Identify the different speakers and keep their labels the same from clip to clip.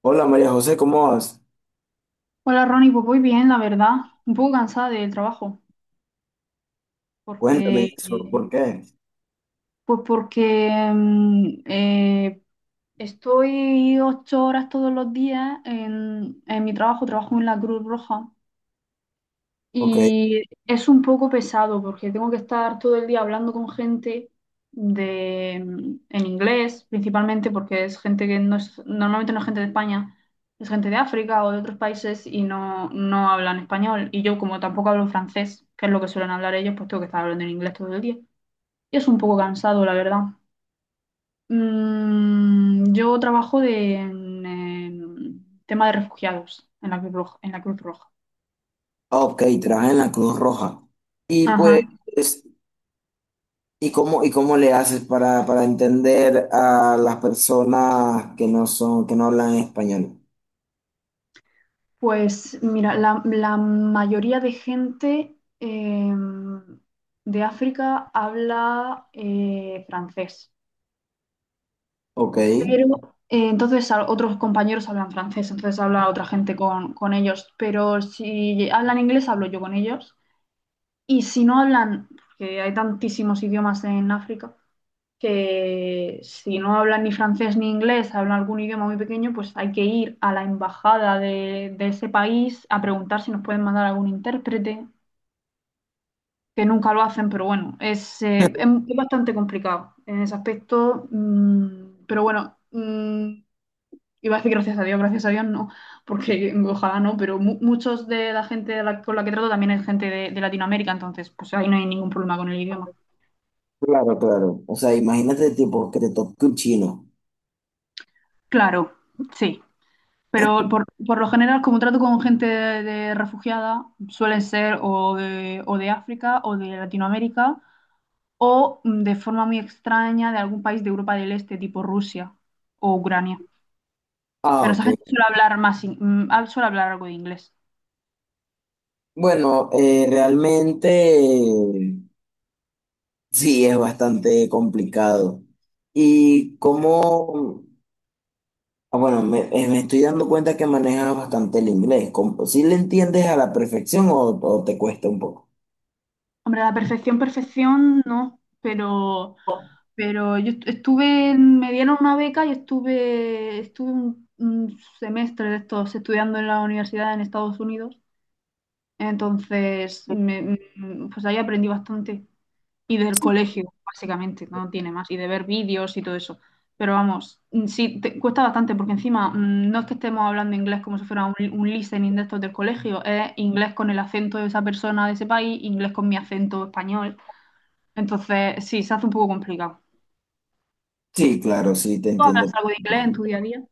Speaker 1: Hola María José, ¿cómo vas?
Speaker 2: Hola Ronnie, pues voy bien, la verdad. Un poco cansada del trabajo,
Speaker 1: Cuéntame
Speaker 2: porque
Speaker 1: eso, ¿por qué?
Speaker 2: pues porque mm, eh, estoy 8 horas todos los días en mi trabajo, trabajo en la Cruz Roja.
Speaker 1: Ok,
Speaker 2: Y es un poco pesado porque tengo que estar todo el día hablando con gente de, en inglés, principalmente porque es gente que no es, normalmente no es gente de España, es gente de África o de otros países y no, no hablan español. Y yo como tampoco hablo francés, que es lo que suelen hablar ellos, pues tengo que estar hablando en inglés todo el día. Y es un poco cansado, la verdad. Yo trabajo en, tema de refugiados en en la Cruz Roja.
Speaker 1: ah, ok, trabajas en la Cruz Roja. Y
Speaker 2: Ajá.
Speaker 1: pues, y cómo le haces para entender a las personas que no son, que no hablan español?
Speaker 2: Pues mira, la mayoría de gente eh, de África habla francés,
Speaker 1: Ok,
Speaker 2: pero otros compañeros hablan francés, entonces habla otra gente con ellos, pero si hablan inglés hablo yo con ellos y si no hablan, que hay tantísimos idiomas en África, que si no hablan ni francés ni inglés, hablan algún idioma muy pequeño, pues hay que ir a la embajada de ese país a preguntar si nos pueden mandar algún intérprete, que nunca lo hacen, pero bueno, es bastante complicado en ese aspecto, pero bueno, iba a decir gracias a Dios no, porque ojalá no, pero muchos de la gente de con la que trato también es gente de Latinoamérica, entonces pues ahí no hay ningún problema con el idioma.
Speaker 1: claro, claro. O sea, imagínate tipo que te toque un chino.
Speaker 2: Claro, sí. Pero por lo general, como trato con gente de refugiada, suelen ser o de África o de Latinoamérica o de forma muy extraña de algún país de Europa del Este, tipo Rusia o Ucrania.
Speaker 1: Ah,
Speaker 2: Pero esa
Speaker 1: ok.
Speaker 2: gente suele hablar más, suele hablar algo de inglés.
Speaker 1: Bueno, realmente eh, sí es bastante complicado. ¿Y cómo? Ah, bueno, me, me estoy dando cuenta que manejas bastante el inglés. ¿Cómo? ¿Sí le entiendes a la perfección o te cuesta un poco?
Speaker 2: Hombre, a la perfección, perfección, no, pero estuve, me dieron una beca y estuve, estuve un semestre de estos estudiando en la universidad en Estados Unidos. Entonces, me- mm, pues ahí aprendí bastante. Y del colegio, básicamente, no tiene más. Y de ver vídeos y todo eso. Pero vamos, sí, cuesta bastante porque encima no es que estemos hablando inglés como si fuera un listening de estos del colegio, es inglés con el acento de esa persona de ese país, inglés con mi acento español. Entonces, sí, se hace un poco complicado.
Speaker 1: Sí, claro, sí te
Speaker 2: ¿Tú hablas
Speaker 1: entiendo.
Speaker 2: algo de inglés en tu día a día?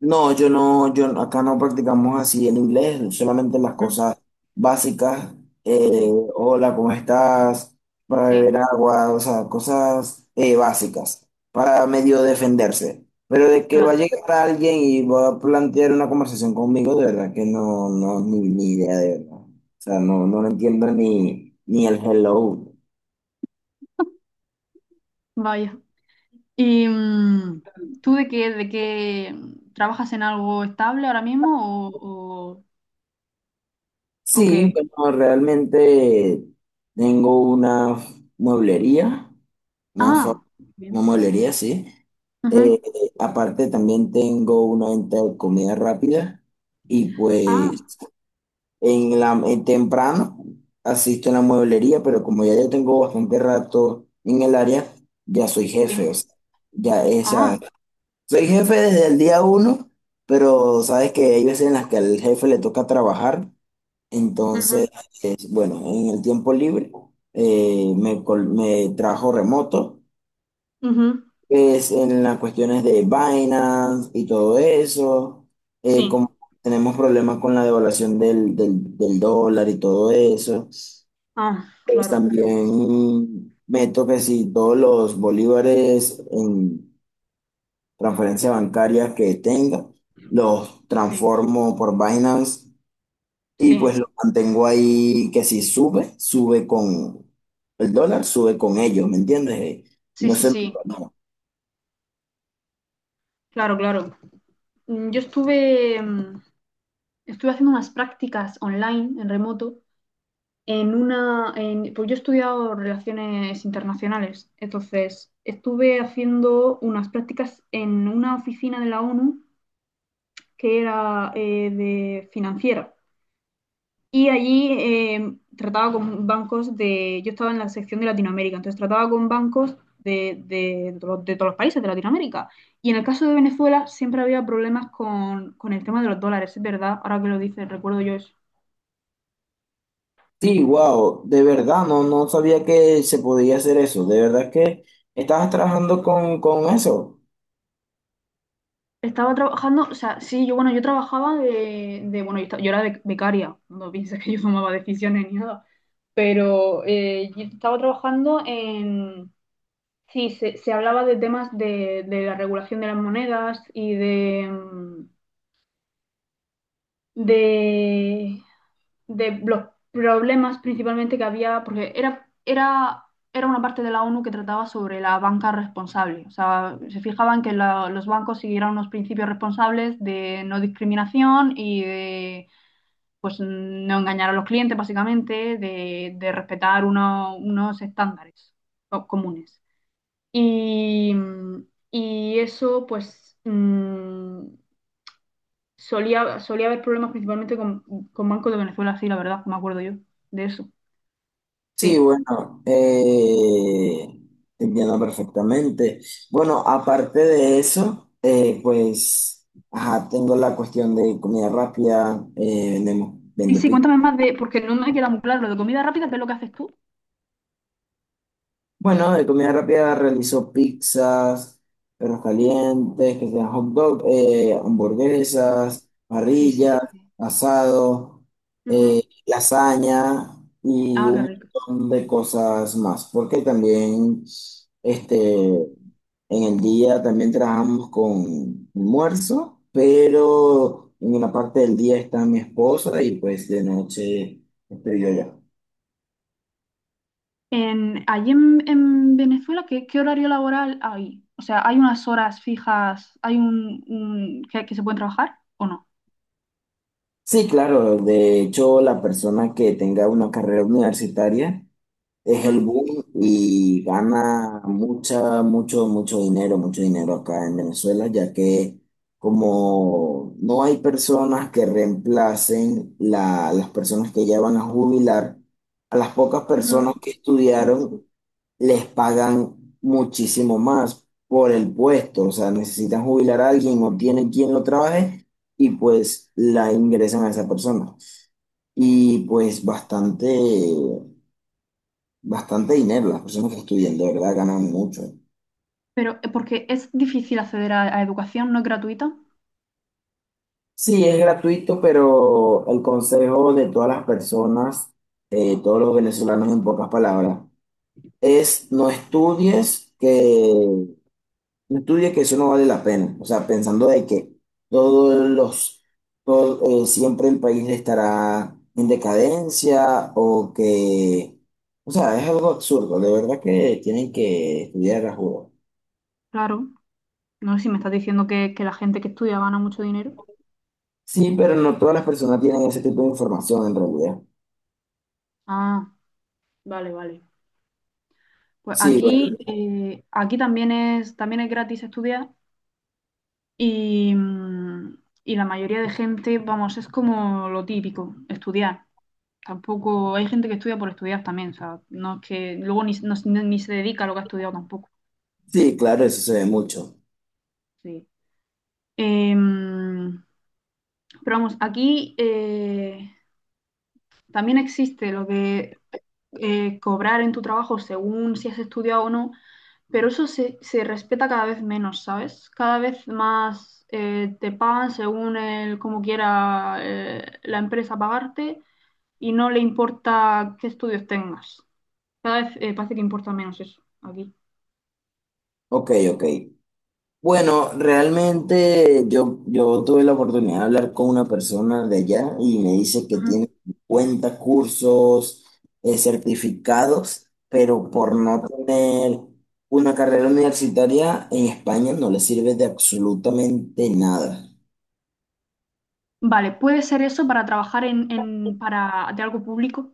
Speaker 1: No, yo no, acá no practicamos así el inglés, solamente las
Speaker 2: Mm,
Speaker 1: cosas básicas, eh,
Speaker 2: sí,
Speaker 1: hola, ¿cómo estás? Para beber
Speaker 2: sí,
Speaker 1: agua, o sea, cosas básicas, para medio defenderse. Pero de que va a
Speaker 2: claro.
Speaker 1: llegar alguien y va a plantear una conversación conmigo, de verdad que no, no, ni, ni idea de verdad. O sea, no, no lo entiendo ni, ni el hello.
Speaker 2: Vaya. ¿Y tú de qué trabajas en algo estable ahora mismo o
Speaker 1: Sí,
Speaker 2: qué?
Speaker 1: bueno, realmente tengo una mueblería. Una
Speaker 2: Ah,
Speaker 1: una
Speaker 2: bien.
Speaker 1: mueblería, sí. Eh,
Speaker 2: Ujú.
Speaker 1: Aparte también tengo una venta de comida rápida y
Speaker 2: Ah,
Speaker 1: pues en la en temprano asisto a la mueblería, pero como ya yo tengo bastante rato en el área, ya soy jefe, o
Speaker 2: sí.
Speaker 1: sea, ya esa,
Speaker 2: Ah,
Speaker 1: soy jefe desde el día uno, pero sabes que hay veces en las que al jefe le toca trabajar, entonces,
Speaker 2: ujú,
Speaker 1: bueno, en el tiempo libre me, me trabajo remoto
Speaker 2: ujú.
Speaker 1: es en las cuestiones de Binance y todo eso,
Speaker 2: Sí.
Speaker 1: como tenemos problemas con la devaluación del dólar y todo eso,
Speaker 2: Ah,
Speaker 1: pues
Speaker 2: claro.
Speaker 1: también meto que si todos los bolívares en transferencia bancaria que tenga, los
Speaker 2: Sí,
Speaker 1: transformo por Binance y
Speaker 2: sí,
Speaker 1: pues los mantengo ahí que si sube, sube con el dólar, sube con ellos, ¿me entiendes? Y
Speaker 2: sí,
Speaker 1: no
Speaker 2: sí,
Speaker 1: se me...
Speaker 2: sí. Claro, claro. Yo estuve, estuve haciendo unas prácticas online en remoto en pues yo he estudiado relaciones internacionales, entonces estuve haciendo unas prácticas en una oficina de la ONU que era de financiera y allí trataba con bancos de, yo estaba en la sección de Latinoamérica, entonces trataba con bancos de todos los países de Latinoamérica y en el caso de Venezuela siempre había problemas con el tema de los dólares, es verdad, ahora que lo dices, recuerdo yo.
Speaker 1: Sí, wow, de verdad, no, no sabía que se podía hacer eso, de verdad que estabas trabajando con eso.
Speaker 2: Estaba trabajando, o sea, sí, yo, bueno, yo trabajaba bueno, yo, yo era becaria, no pienses que yo tomaba decisiones ni nada, pero yo estaba trabajando en, sí, se hablaba de temas de la regulación de las monedas y de, de, de los problemas principalmente que había, porque era una parte de la ONU que trataba sobre la banca responsable. O sea, se fijaban que los bancos siguieran unos principios responsables de no discriminación y de pues no engañar a los clientes, básicamente, de respetar unos estándares comunes. Y, y eso, pues, solía, solía haber problemas principalmente con Banco de Venezuela, sí, la verdad, me acuerdo yo de eso.
Speaker 1: Sí,
Speaker 2: Sí.
Speaker 1: bueno, te entiendo perfectamente. Bueno, aparte de eso, pues, ajá, tengo la cuestión de comida rápida, vendemos,
Speaker 2: Y
Speaker 1: vendo.
Speaker 2: sí, cuéntame más de, porque no me queda muy claro lo de comida rápida, ¿qué es lo que haces tú?
Speaker 1: Bueno, de comida rápida realizó pizzas, perros calientes, que sean hot dog, hamburguesas,
Speaker 2: Sí, sí,
Speaker 1: parrillas,
Speaker 2: sí.
Speaker 1: asado,
Speaker 2: Ujú.
Speaker 1: lasaña y
Speaker 2: Ah, qué
Speaker 1: un
Speaker 2: rico.
Speaker 1: montón de cosas más. Porque también este, en el día también trabajamos con almuerzo, pero en una parte del día está mi esposa y pues de noche estoy yo ya.
Speaker 2: En, allí en Venezuela, ¿qué, qué horario laboral hay? O sea, ¿hay unas horas fijas, hay que se pueden trabajar o no?
Speaker 1: Sí, claro. De hecho, la persona que tenga una carrera universitaria es el
Speaker 2: Ujú,
Speaker 1: boom y gana mucha, mucho, mucho dinero acá en Venezuela, ya que como no hay personas que reemplacen las personas que ya van a jubilar, a las pocas personas
Speaker 2: ujú.
Speaker 1: que
Speaker 2: Sí.
Speaker 1: estudiaron les pagan muchísimo más por el puesto, o sea, necesitan jubilar a alguien, no tienen quien lo trabaje y pues la ingresan a esa persona. Y pues bastante, bastante dinero. Las personas que estudian, de verdad, ganan mucho.
Speaker 2: Pero porque es difícil acceder a educación, no es gratuita.
Speaker 1: Sí, es gratuito, pero el consejo de todas las personas, todos los venezolanos en pocas palabras, es no estudies que, no estudies que eso no vale la pena. O sea, pensando de que todos los, todo, siempre el país estará en decadencia o que, o sea, es algo absurdo. De verdad que tienen que estudiar a juro.
Speaker 2: Claro. No sé si me estás diciendo que la gente que estudia gana mucho dinero.
Speaker 1: Sí, pero no todas las personas tienen ese tipo de información en realidad.
Speaker 2: Ah, vale, vale. Pues
Speaker 1: Sí,
Speaker 2: aquí,
Speaker 1: bueno,
Speaker 2: aquí también es gratis estudiar y, y la mayoría de gente, vamos, es como lo típico, estudiar. Tampoco hay gente que estudia por estudiar también, o sea, no es que luego ni se dedica a lo que ha estudiado tampoco.
Speaker 1: sí, claro, eso se ve mucho.
Speaker 2: Sí. Em, pero vamos, aquí también existe lo que cobrar en tu trabajo según si has estudiado o no, pero eso se, se respeta cada vez menos, ¿sabes? Cada vez más te pagan según el, como quiera la empresa pagarte y no le importa qué estudios tengas. Cada vez parece que importa menos eso aquí.
Speaker 1: Ok, ok. Bueno, realmente yo, yo tuve la oportunidad de hablar con una persona de allá y me dice que
Speaker 2: Ujú.
Speaker 1: tiene 50 cursos certificados, pero por no tener una carrera universitaria en España no le sirve de absolutamente nada.
Speaker 2: Vale, puede ser eso para trabajar para, de algo público.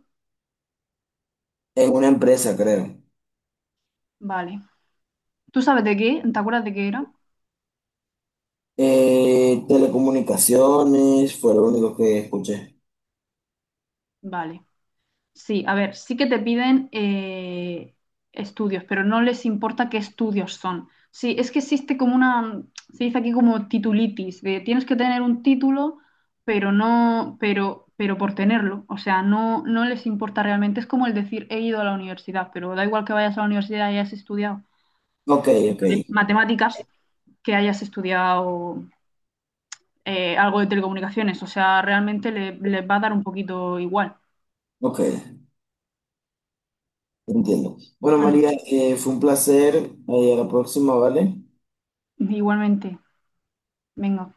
Speaker 1: En una empresa, creo.
Speaker 2: Vale. ¿Tú sabes de qué? ¿Te acuerdas de qué era?
Speaker 1: Telecomunicaciones fue lo único que escuché.
Speaker 2: Vale. Sí, a ver, sí que te piden estudios, pero no les importa qué estudios son. Sí, es que existe como una, se dice aquí como titulitis, de tienes que tener un título, pero no, pero por tenerlo. O sea, no, no les importa realmente. Es como el decir he ido a la universidad, pero da igual que vayas a la universidad y hayas estudiado
Speaker 1: Ok, ok,
Speaker 2: matemáticas, que hayas estudiado algo de telecomunicaciones. O sea, realmente les va a dar un poquito igual.
Speaker 1: ok, entiendo. Bueno,
Speaker 2: Bueno,
Speaker 1: María, fue un placer. A la próxima, ¿vale?
Speaker 2: igualmente. Venga.